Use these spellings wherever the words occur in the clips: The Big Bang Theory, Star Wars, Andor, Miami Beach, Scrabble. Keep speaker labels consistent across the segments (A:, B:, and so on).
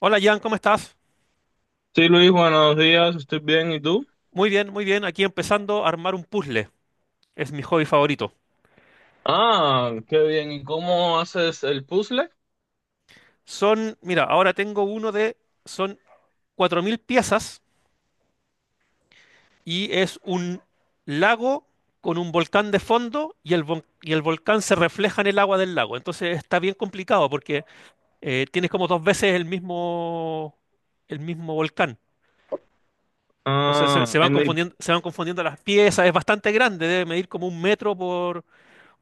A: Hola Jan, ¿cómo estás?
B: Sí, Luis, buenos días, estoy bien, ¿y tú?
A: Muy bien, muy bien. Aquí empezando a armar un puzzle. Es mi hobby favorito.
B: Ah, qué bien, ¿y cómo haces el puzzle?
A: Son, mira, ahora tengo uno de, son 4000 piezas y es un lago con un volcán de fondo y el volcán se refleja en el agua del lago. Entonces está bien complicado porque tienes como dos veces el mismo volcán. Entonces se,
B: Ah,
A: se van confundiendo, se van confundiendo las piezas. Es bastante grande, debe medir como un metro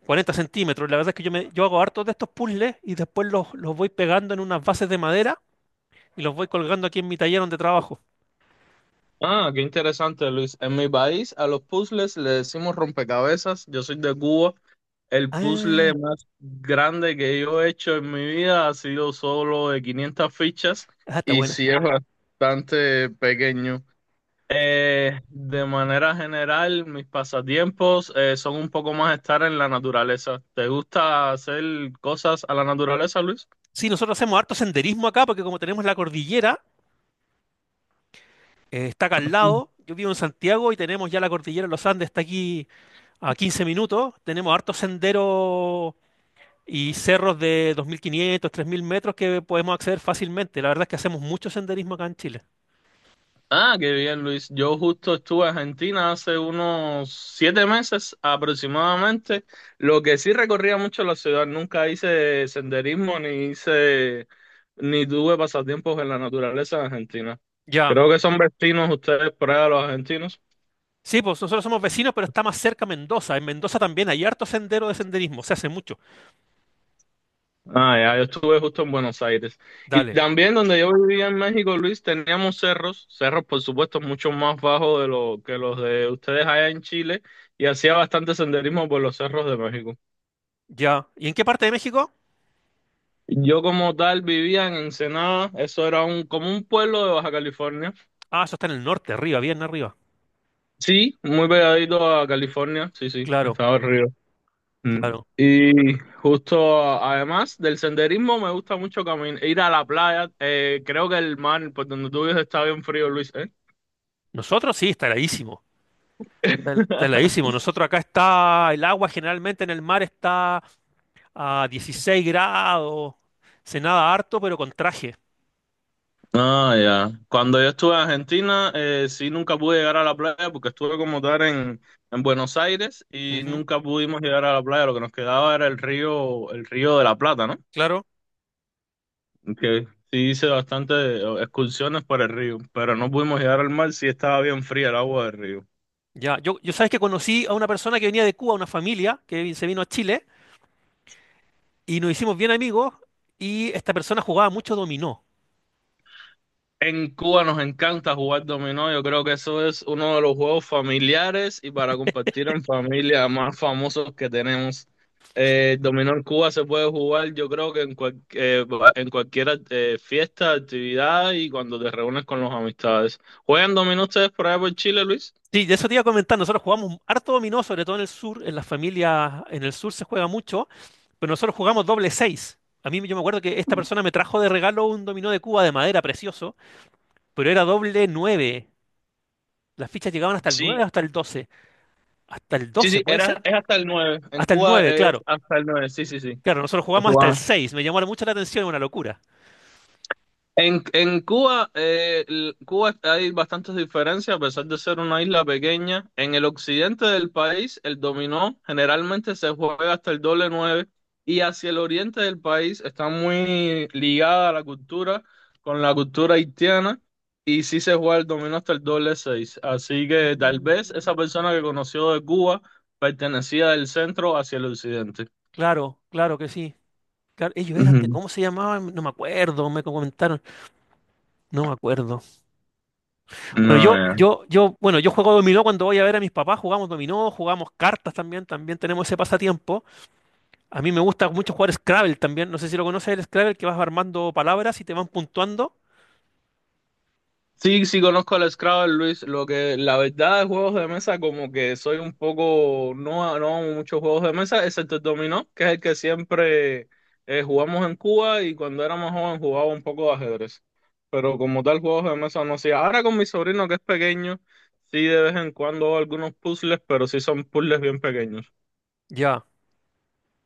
A: cuarenta centímetros. La verdad es que yo hago hartos de estos puzzles y después los voy pegando en unas bases de madera y los voy colgando aquí en mi taller donde trabajo.
B: ah, qué interesante, Luis. En mi país a los puzzles le decimos rompecabezas, yo soy de Cuba. El
A: Ah,
B: puzzle más grande que yo he hecho en mi vida ha sido solo de 500 fichas
A: ah, está
B: y
A: buena.
B: sí es bastante pequeño. De manera general, mis pasatiempos son un poco más estar en la naturaleza. ¿Te gusta hacer cosas a la naturaleza, Luis?
A: Sí, nosotros hacemos harto senderismo acá porque como tenemos la cordillera, está acá al lado. Yo vivo en Santiago y tenemos ya la cordillera de los Andes, está aquí a 15 minutos. Tenemos hartos senderos y cerros de 2500, 3000 metros que podemos acceder fácilmente. La verdad es que hacemos mucho senderismo acá en Chile.
B: Ah, qué bien, Luis. Yo justo estuve en Argentina hace unos 7 meses aproximadamente. Lo que sí recorría mucho la ciudad, nunca hice senderismo ni tuve pasatiempos en la naturaleza en Argentina.
A: Ya.
B: Creo que son vecinos ustedes por allá, los argentinos.
A: Sí, pues nosotros somos vecinos, pero está más cerca Mendoza. En Mendoza también hay harto sendero de senderismo, se hace mucho.
B: Ah, ya, yo estuve justo en Buenos Aires. Y
A: Dale,
B: también donde yo vivía en México, Luis, teníamos cerros, por supuesto mucho más bajos de lo que los de ustedes allá en Chile, y hacía bastante senderismo por los cerros de México.
A: ya. ¿Y en qué parte de México?
B: Yo como tal vivía en Ensenada, eso era como un pueblo de Baja California.
A: Ah, eso está en el norte, arriba, bien arriba.
B: Sí, muy pegadito a California, sí, sí,
A: Claro,
B: estaba el río. Mm.
A: claro.
B: Y justo además del senderismo me gusta mucho caminar, ir a la playa. Creo que el mar por donde tú vives está bien frío, Luis, ¿eh?
A: Nosotros sí, está heladísimo. Está heladísimo. Nosotros acá está el agua generalmente en el mar está a 16 grados. Se nada harto, pero con traje.
B: Ah, ya. Cuando yo estuve en Argentina, sí nunca pude llegar a la playa porque estuve como tal en, Buenos Aires y
A: Ujú,
B: nunca pudimos llegar a la playa. Lo que nos quedaba era el río de la Plata, ¿no?
A: claro.
B: Que sí hice bastante excursiones por el río, pero no pudimos llegar al mar, sí estaba bien fría el agua del río.
A: Ya, yo sabes que conocí a una persona que venía de Cuba, una familia se vino a Chile, y nos hicimos bien amigos, y esta persona jugaba mucho dominó.
B: En Cuba nos encanta jugar dominó. Yo creo que eso es uno de los juegos familiares y para compartir en familia más famosos que tenemos. El dominó en Cuba se puede jugar, yo creo que en cualquier fiesta, actividad y cuando te reúnes con los amistades. ¿Juegan dominó ustedes por allá por Chile, Luis?
A: Sí, de eso te iba a comentar. Nosotros jugamos harto dominó, sobre todo en el sur. En las familias, en el sur se juega mucho, pero nosotros jugamos doble seis. A mí yo me acuerdo que esta persona me trajo de regalo un dominó de Cuba de madera precioso, pero era doble nueve. Las fichas llegaban hasta el nueve
B: Sí,
A: o hasta el doce. Hasta el
B: sí,
A: doce,
B: sí,
A: ¿puede ser?
B: es hasta el 9. En
A: Hasta el
B: Cuba
A: nueve,
B: es
A: claro.
B: hasta el 9. Sí, sí, sí.
A: Claro, nosotros jugamos hasta el seis. Me llamó mucho la atención, una locura.
B: En Cuba, Cuba hay bastantes diferencias, a pesar de ser una isla pequeña. En el occidente del país, el dominó generalmente se juega hasta el doble nueve y hacia el oriente del país está muy ligada con la cultura haitiana, y sí se juega el dominó hasta el doble seis. Así que tal vez esa
A: Mm.
B: persona que conoció de Cuba pertenecía del centro hacia el occidente.
A: Claro, claro que sí. Claro, ellos eran de,
B: Ujú.
A: ¿cómo se llamaban? No me acuerdo, me comentaron. No me acuerdo. Bueno,
B: No,
A: yo,
B: ya.
A: yo, yo, bueno, yo juego dominó cuando voy a ver a mis papás, jugamos dominó, jugamos cartas también, también tenemos ese pasatiempo. A mí me gusta mucho jugar Scrabble también, no sé si lo conoces el Scrabble, que vas armando palabras y te van puntuando.
B: Sí, sí conozco el Scrabble, Luis. Lo que la verdad de juegos de mesa, como que soy un poco, no, no hago muchos juegos de mesa, excepto el dominó, que es el que siempre jugamos en Cuba y cuando era más joven jugaba un poco de ajedrez. Pero como tal, juegos de mesa no hacía. Ahora con mi sobrino que es pequeño, sí de vez en cuando hago algunos puzzles, pero sí son puzzles bien pequeños.
A: Ya,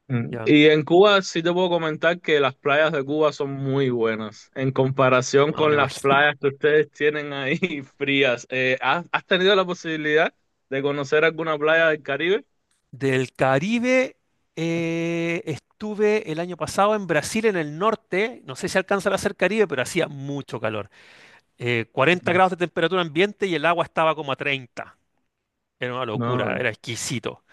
B: Mm.
A: ya,
B: Y en Cuba sí te puedo comentar que las playas de Cuba son muy buenas en comparación
A: no me
B: con las
A: imagino.
B: playas que ustedes tienen ahí frías. ¿Has tenido la posibilidad de conocer alguna playa del Caribe?
A: Del Caribe, estuve el año pasado en Brasil, en el norte, no sé si alcanza a ser Caribe, pero hacía mucho calor. 40 grados de temperatura ambiente y el agua estaba como a 30. Era una locura,
B: No,
A: era exquisito.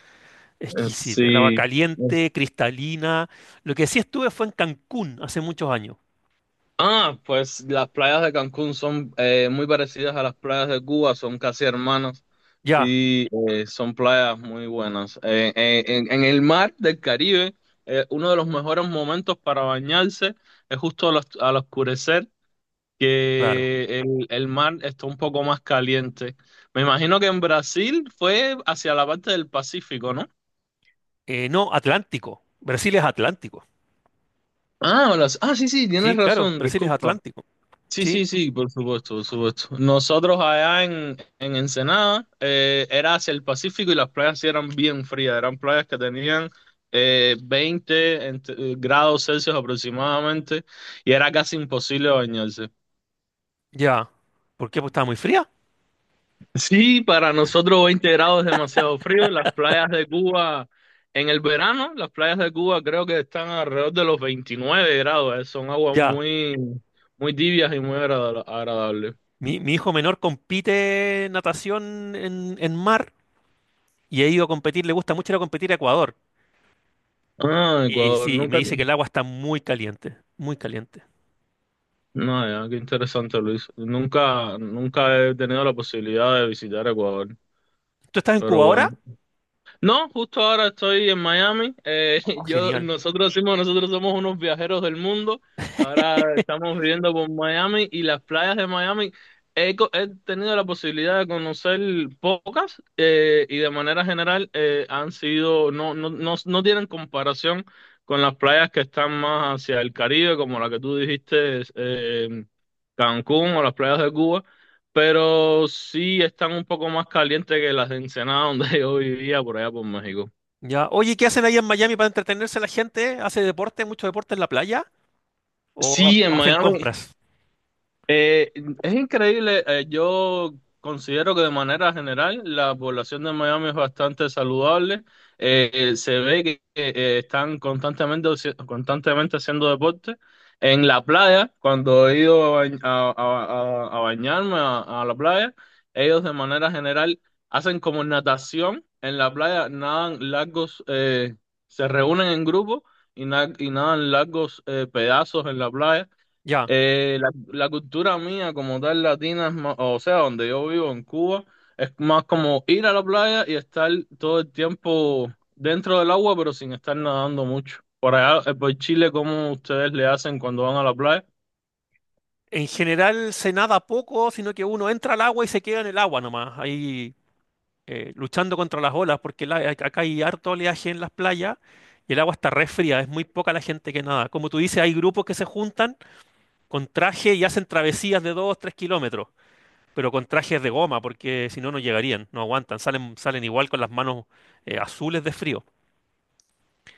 A: Exquisita, el agua
B: sí.
A: caliente, cristalina. Lo que sí estuve fue en Cancún hace muchos años.
B: Ah, pues las playas de Cancún son muy parecidas a las playas de Cuba, son casi hermanas.
A: Ya,
B: Sí, son playas muy buenas. En el mar del Caribe, uno de los mejores momentos para bañarse es justo al oscurecer,
A: claro.
B: que el mar está un poco más caliente. Me imagino que en Brasil fue hacia la parte del Pacífico, ¿no?
A: No, Atlántico. Brasil es Atlántico.
B: Ah, sí, sí,
A: Sí,
B: tienes
A: claro,
B: razón,
A: Brasil es
B: disculpa.
A: Atlántico.
B: Sí, sí,
A: Sí,
B: sí, por supuesto, por supuesto. Nosotros allá en, Ensenada era hacia el Pacífico y las playas sí eran bien frías, eran playas que tenían 20 grados Celsius aproximadamente y era casi imposible bañarse.
A: ya. ¿Por qué? Pues estaba muy fría.
B: Sí, para nosotros 20 grados es demasiado frío. Las playas de Cuba en el verano, las playas de Cuba creo que están alrededor de los 29 grados, son aguas
A: Ya.
B: muy, muy tibias y muy agradables.
A: Mi hijo menor compite natación en mar y ha ido a competir, le gusta mucho ir a competir a Ecuador.
B: Ah,
A: Y
B: Ecuador,
A: sí, me
B: nunca.
A: dice que el agua está muy caliente, muy caliente.
B: No, ya, qué interesante, Luis. Nunca, nunca he tenido la posibilidad de visitar Ecuador,
A: ¿Tú estás en
B: pero
A: Cuba
B: bueno.
A: ahora?
B: No, justo ahora estoy en Miami.
A: Oh, genial.
B: Nosotros decimos, nosotros somos unos viajeros del mundo. Ahora estamos viviendo por Miami y las playas de Miami. He tenido la posibilidad de conocer pocas y de manera general han sido, no, no, no, no tienen comparación con las playas que están más hacia el Caribe, como la que tú dijiste, Cancún o las playas de Cuba pero sí están un poco más calientes que las de Ensenada donde yo vivía por allá por México.
A: Ya. Oye, ¿qué hacen ahí en Miami para entretenerse la gente? ¿Hace deporte, mucho deporte en la playa? ¿O
B: Sí, en
A: o hacen
B: Miami
A: compras?
B: Eh, es increíble, yo considero que de manera general la población de Miami es bastante saludable, se ve que están constantemente haciendo deporte. En la playa, cuando he ido a bañarme a la playa, ellos de manera general hacen como natación en la playa, nadan largos, se reúnen en grupo y nadan largos pedazos en la playa.
A: Ya.
B: La cultura mía como tal latina es más, o sea, donde yo vivo en Cuba, es más como ir a la playa y estar todo el tiempo dentro del agua, pero sin estar nadando mucho. Por allá, por Chile, ¿cómo ustedes le hacen cuando van a la playa?
A: En general se nada poco, sino que uno entra al agua y se queda en el agua nomás, ahí luchando contra las olas, porque acá hay harto oleaje en las playas y el agua está re fría, es muy poca la gente que nada. Como tú dices, hay grupos que se juntan con traje y hacen travesías de 2, 3 kilómetros, pero con trajes de goma, porque si no, no llegarían, no aguantan, salen, salen igual con las manos azules de frío.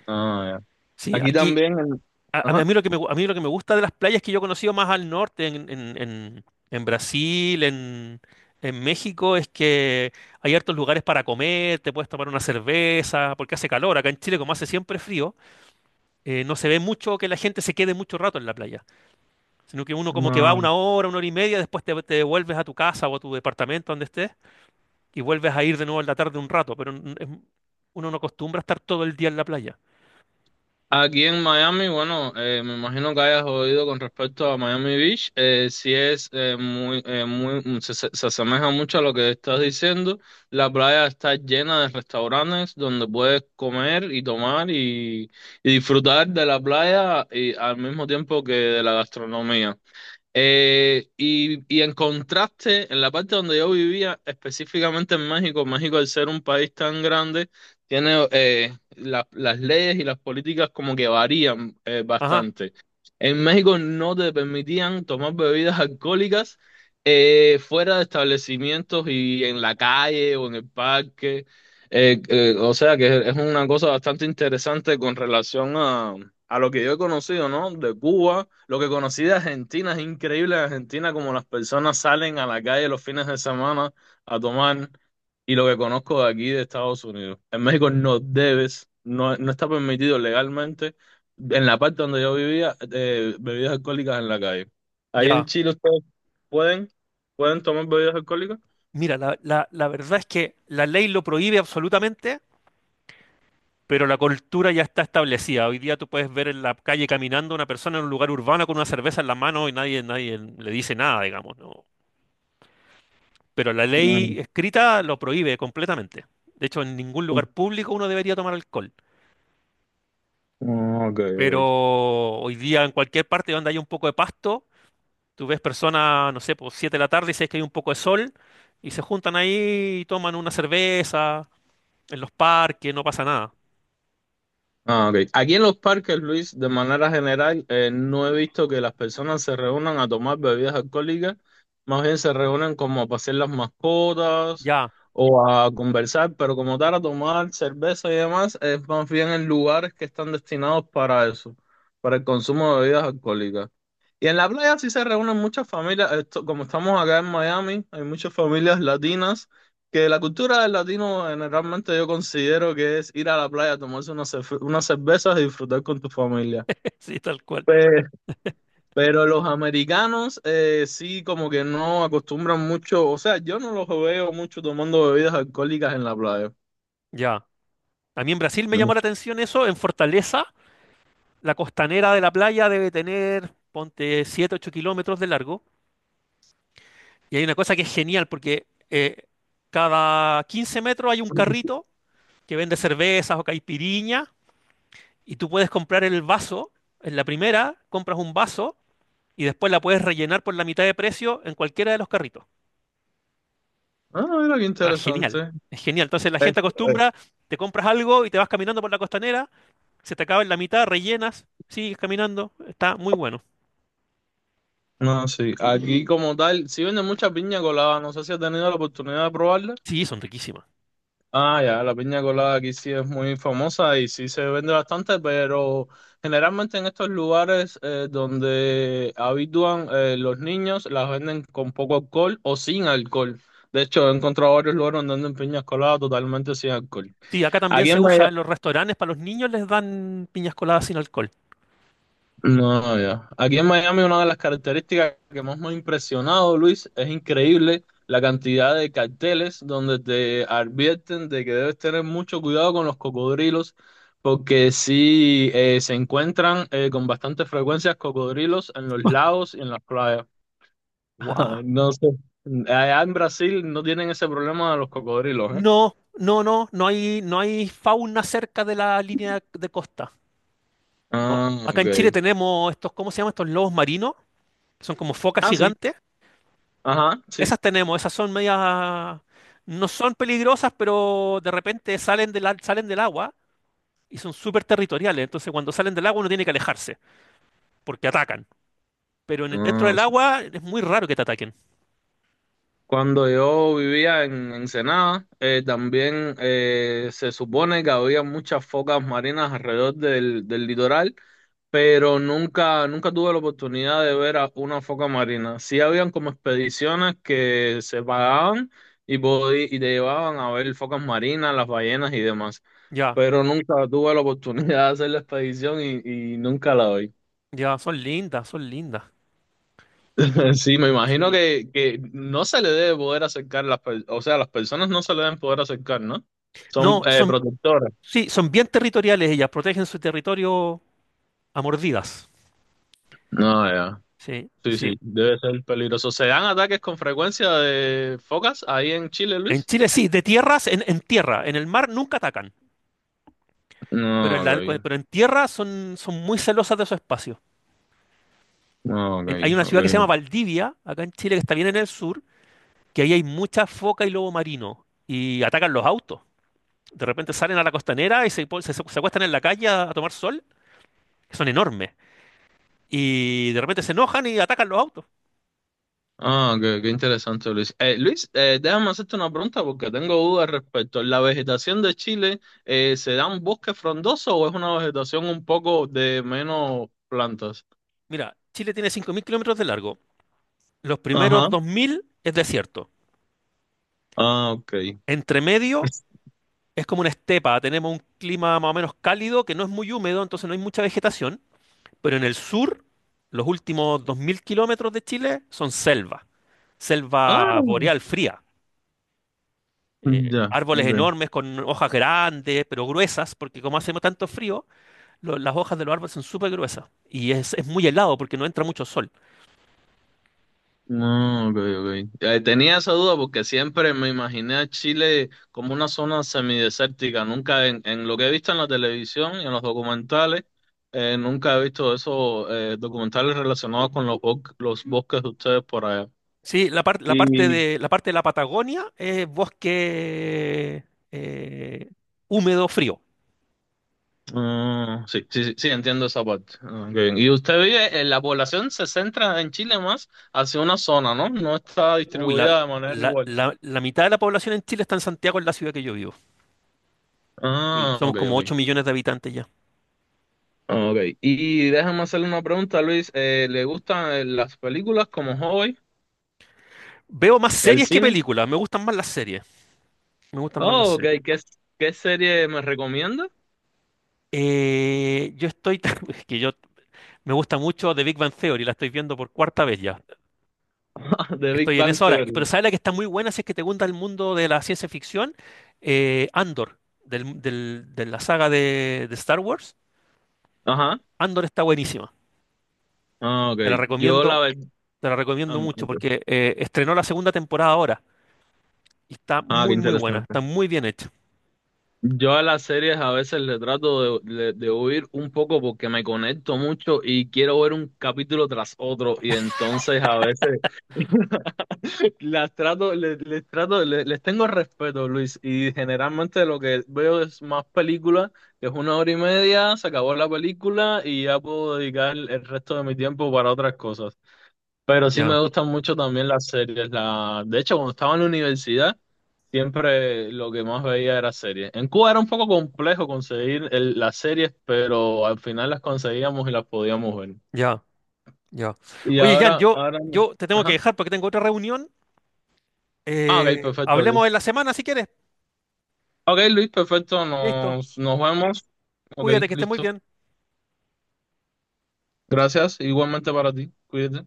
B: Ah, ya.
A: Sí,
B: Aquí
A: aquí,
B: también el...
A: A, a
B: Ajá.
A: mí lo que me, gu- a mí lo que me gusta de las playas que yo he conocido más al norte, en Brasil, en México, es que hay hartos lugares para comer, te puedes tomar una cerveza, porque hace calor. Acá en Chile, como hace siempre frío, no se ve mucho que la gente se quede mucho rato en la playa, sino que uno como que va
B: No.
A: una hora y media, después te devuelves a tu casa o a tu departamento donde estés y vuelves a ir de nuevo en la tarde un rato, uno no acostumbra a estar todo el día en la playa.
B: Aquí en Miami, bueno, me imagino que hayas oído con respecto a Miami Beach, sí es muy, muy, se asemeja mucho a lo que estás diciendo. La playa está llena de restaurantes donde puedes comer y tomar y disfrutar de la playa y al mismo tiempo que de la gastronomía. Y en contraste, en la parte donde yo vivía, específicamente en México, México al ser un país tan grande, tiene las leyes y las políticas como que varían
A: Ajá,
B: bastante. En México no te permitían tomar bebidas alcohólicas fuera de establecimientos y en la calle o en el parque. O sea que es una cosa bastante interesante con relación a lo que yo he conocido, ¿no? De Cuba lo que conocí de Argentina es increíble. En Argentina, como las personas salen a la calle los fines de semana a tomar, y lo que conozco de aquí de Estados Unidos. En México no debes, no, no está permitido legalmente, en la parte donde yo vivía, bebidas alcohólicas en la calle. Ahí en
A: ya.
B: Chile ustedes pueden, pueden tomar bebidas alcohólicas.
A: Mira, la verdad es que la ley lo prohíbe absolutamente, pero la cultura ya está establecida. Hoy día tú puedes ver en la calle caminando una persona en un lugar urbano con una cerveza en la mano y nadie, nadie le dice nada, digamos, ¿no? Pero la
B: Mm,
A: ley escrita lo prohíbe completamente. De hecho, en ningún
B: mm,
A: lugar público uno debería tomar alcohol.
B: ok,
A: Pero
B: ok.
A: hoy día en cualquier parte donde haya un poco de pasto, tú ves personas, no sé, por 7 de la tarde y sabes que hay un poco de sol y se juntan ahí y toman una cerveza en los parques, no pasa nada.
B: Ah, ok. Aquí en los parques, Luis, de manera general, no he visto que las personas se reúnan a tomar bebidas alcohólicas, más bien se reúnen como a pasear las mascotas
A: Ya,
B: o a conversar, pero como tal, a tomar cerveza y demás, es más bien en lugares que están destinados para eso, para el consumo de bebidas alcohólicas. Y en la playa sí se reúnen muchas familias, esto, como estamos acá en Miami, hay muchas familias latinas que la cultura del latino generalmente yo considero que es ir a la playa, tomarse unas cervezas y disfrutar con tu familia.
A: sí, tal cual.
B: Pe- Pero los americanos sí como que no acostumbran mucho, o sea, yo no los veo mucho tomando bebidas alcohólicas en la playa.
A: Ya. A mí en Brasil me
B: Mm.
A: llamó la atención eso. En Fortaleza, la costanera de la playa debe tener, ponte, 7, 8 kilómetros de largo. Y hay una cosa que es genial porque cada 15 metros hay un carrito que vende cervezas o caipiriña y tú puedes comprar el vaso. En la primera compras un vaso y después la puedes rellenar por la mitad de precio en cualquiera de los carritos.
B: Ah, mira qué
A: Ah,
B: interesante.
A: genial. Es genial. Entonces la
B: Eh,
A: gente
B: eh.
A: acostumbra, te compras algo y te vas caminando por la costanera, se te acaba en la mitad, rellenas, sigues caminando, está muy bueno.
B: No, sí, aquí como tal, sí venden mucha piña colada, no sé si has tenido la oportunidad de probarla.
A: Sí, son riquísimas.
B: Ah, ya, la piña colada aquí sí es muy famosa y sí se vende bastante, pero generalmente en estos lugares donde habitúan los niños las venden con poco alcohol o sin alcohol. De hecho, he encontrado varios lugares donde venden piñas coladas totalmente sin alcohol.
A: Sí, acá también
B: Aquí
A: se
B: en
A: usa
B: Miami.
A: en los restaurantes, para los niños les dan piñas coladas sin alcohol.
B: No, ya. Aquí en Miami una de las características que más me ha impresionado, Luis, es increíble la cantidad de carteles donde te advierten de que debes tener mucho cuidado con los cocodrilos, porque sí se encuentran con bastante frecuencia cocodrilos en los lagos y en las playas.
A: ¡Guau!
B: No sé. Allá en Brasil no tienen ese problema de los cocodrilos, ¿eh?
A: No, no, no, no hay, no hay fauna cerca de la línea de costa. No,
B: Ah,
A: acá
B: ok.
A: en Chile tenemos estos, ¿cómo se llaman estos lobos marinos? Que son como focas
B: Ah, sí.
A: gigantes.
B: Ajá, sí.
A: Esas tenemos, esas son medias, no son peligrosas, pero de repente salen salen del agua y son súper territoriales. Entonces cuando salen del agua uno tiene que alejarse, porque atacan. Pero dentro del agua es muy raro que te ataquen.
B: Cuando yo vivía en Ensenada, también se supone que había muchas focas marinas alrededor del litoral, pero nunca, nunca tuve la oportunidad de ver a una foca marina. Sí habían como expediciones que se pagaban y te llevaban a ver focas marinas, las ballenas y demás,
A: Ya,
B: pero nunca tuve la oportunidad de hacer la expedición y nunca la vi.
A: ya, son lindas, son lindas.
B: Sí, me imagino
A: Sí.
B: que no se le debe poder acercar o sea, las personas no se le deben poder acercar, ¿no? Son
A: No, son,
B: protectoras.
A: sí, son bien territoriales ellas, protegen su territorio a mordidas.
B: No, ya.
A: Sí,
B: Sí,
A: sí.
B: sí, debe ser peligroso. ¿Se dan ataques con frecuencia de focas ahí en Chile,
A: En
B: Luis?
A: Chile sí, de tierras, en tierra, en el mar nunca atacan, pero en,
B: No,
A: la-
B: ok.
A: pero en tierra son, son muy celosas de su espacio.
B: No,
A: Hay
B: ok,
A: una ciudad que se llama
B: ok.
A: Valdivia, acá en Chile, que está bien en el sur, que ahí hay mucha foca y lobo marino, y atacan los autos. De repente salen a la costanera y se acuestan en la calle a tomar sol, que son enormes. Y de repente se enojan y atacan los autos.
B: Ah, qué interesante, Luis. Luis, déjame hacerte una pregunta porque
A: Sí.
B: tengo dudas respecto. ¿La vegetación de Chile se da un bosque frondoso o es una vegetación un poco de menos plantas?
A: Mira, Chile tiene 5000 kilómetros de largo. Los primeros
B: Ajá.
A: 2000 es desierto.
B: Ah, ok.
A: Entre medio es como una estepa. Tenemos un clima más o menos cálido que no es muy húmedo, entonces no hay mucha vegetación. Pero en el sur, los últimos 2000 kilómetros de Chile son selva.
B: Ah,
A: Selva boreal fría.
B: ya,
A: Árboles
B: ok.
A: enormes con hojas grandes, pero gruesas, porque como hacemos tanto frío, las hojas de los árboles son súper gruesas. Y es muy helado porque no entra mucho sol.
B: No, ok, ok. Tenía esa duda porque siempre me imaginé a Chile como una zona semidesértica. Nunca en lo que he visto en la televisión y en los documentales, nunca he visto esos documentales relacionados con los bosques de ustedes por allá.
A: Sí,
B: Y
A: la parte de la Patagonia es bosque eh, húmedo frío.
B: ah, sí, sí, sí, sí, entiendo esa parte. Ah, qué bien. Y la población se centra en Chile más hacia una zona, ¿no? No está
A: Uy, la,
B: distribuida de manera
A: la-
B: igual.
A: la- la mitad de la población en Chile está en Santiago, en la ciudad que yo vivo. Sí,
B: Ah,
A: somos
B: ok,
A: como
B: ok.
A: 8 millones de habitantes ya.
B: Ah, ok, y déjame hacerle una pregunta, Luis. ¿Le gustan las películas como hobby?
A: Veo más
B: ¿El
A: series que
B: cine?
A: películas, me gustan más las series. Me gustan más las
B: Oh, ok,
A: series.
B: ¿qué serie me recomienda?
A: Eh, yo estoy, es que yo me gusta mucho The Big Bang Theory, la estoy viendo por cuarta vez ya.
B: The Big
A: Estoy en
B: Bang
A: eso ahora. Pero
B: Theory.
A: ¿sabes la que está muy buena si es que te gusta el mundo de la ciencia ficción? Andor, de la saga de Star Wars.
B: Ajá.
A: Andor está buenísima.
B: Ah, ok,
A: Te la
B: yo la
A: recomiendo,
B: verdad.
A: te la
B: Ah,
A: recomiendo
B: no,
A: mucho
B: ok.
A: porque estrenó la segunda temporada ahora y está
B: Ah, qué
A: muy, muy buena.
B: interesante.
A: Está muy bien hecha.
B: Yo a las series a veces le trato de huir un poco porque me conecto mucho y quiero ver un capítulo tras otro y entonces a veces Las trato, les tengo respeto, Luis, y generalmente lo que veo es más películas, que es una hora y media, se acabó la película y ya puedo dedicar el resto de mi tiempo para otras cosas. Pero sí
A: Ya,
B: me gustan mucho también las series. De hecho, cuando estaba en la universidad, siempre lo que más veía era series. En Cuba era un poco complejo conseguir las series, pero al final las conseguíamos y las podíamos ver.
A: ya, ya.
B: Y
A: Oye, Jan, yo, yo te tengo que
B: ajá.
A: dejar porque tengo otra reunión.
B: Ah, ok, perfecto, Luis.
A: Hablemos en la semana si quieres.
B: Ok, Luis, perfecto.
A: Listo.
B: Nos vemos. Ok,
A: Cuídate, que estés muy
B: listo.
A: bien.
B: Gracias. Igualmente para ti. Cuídate.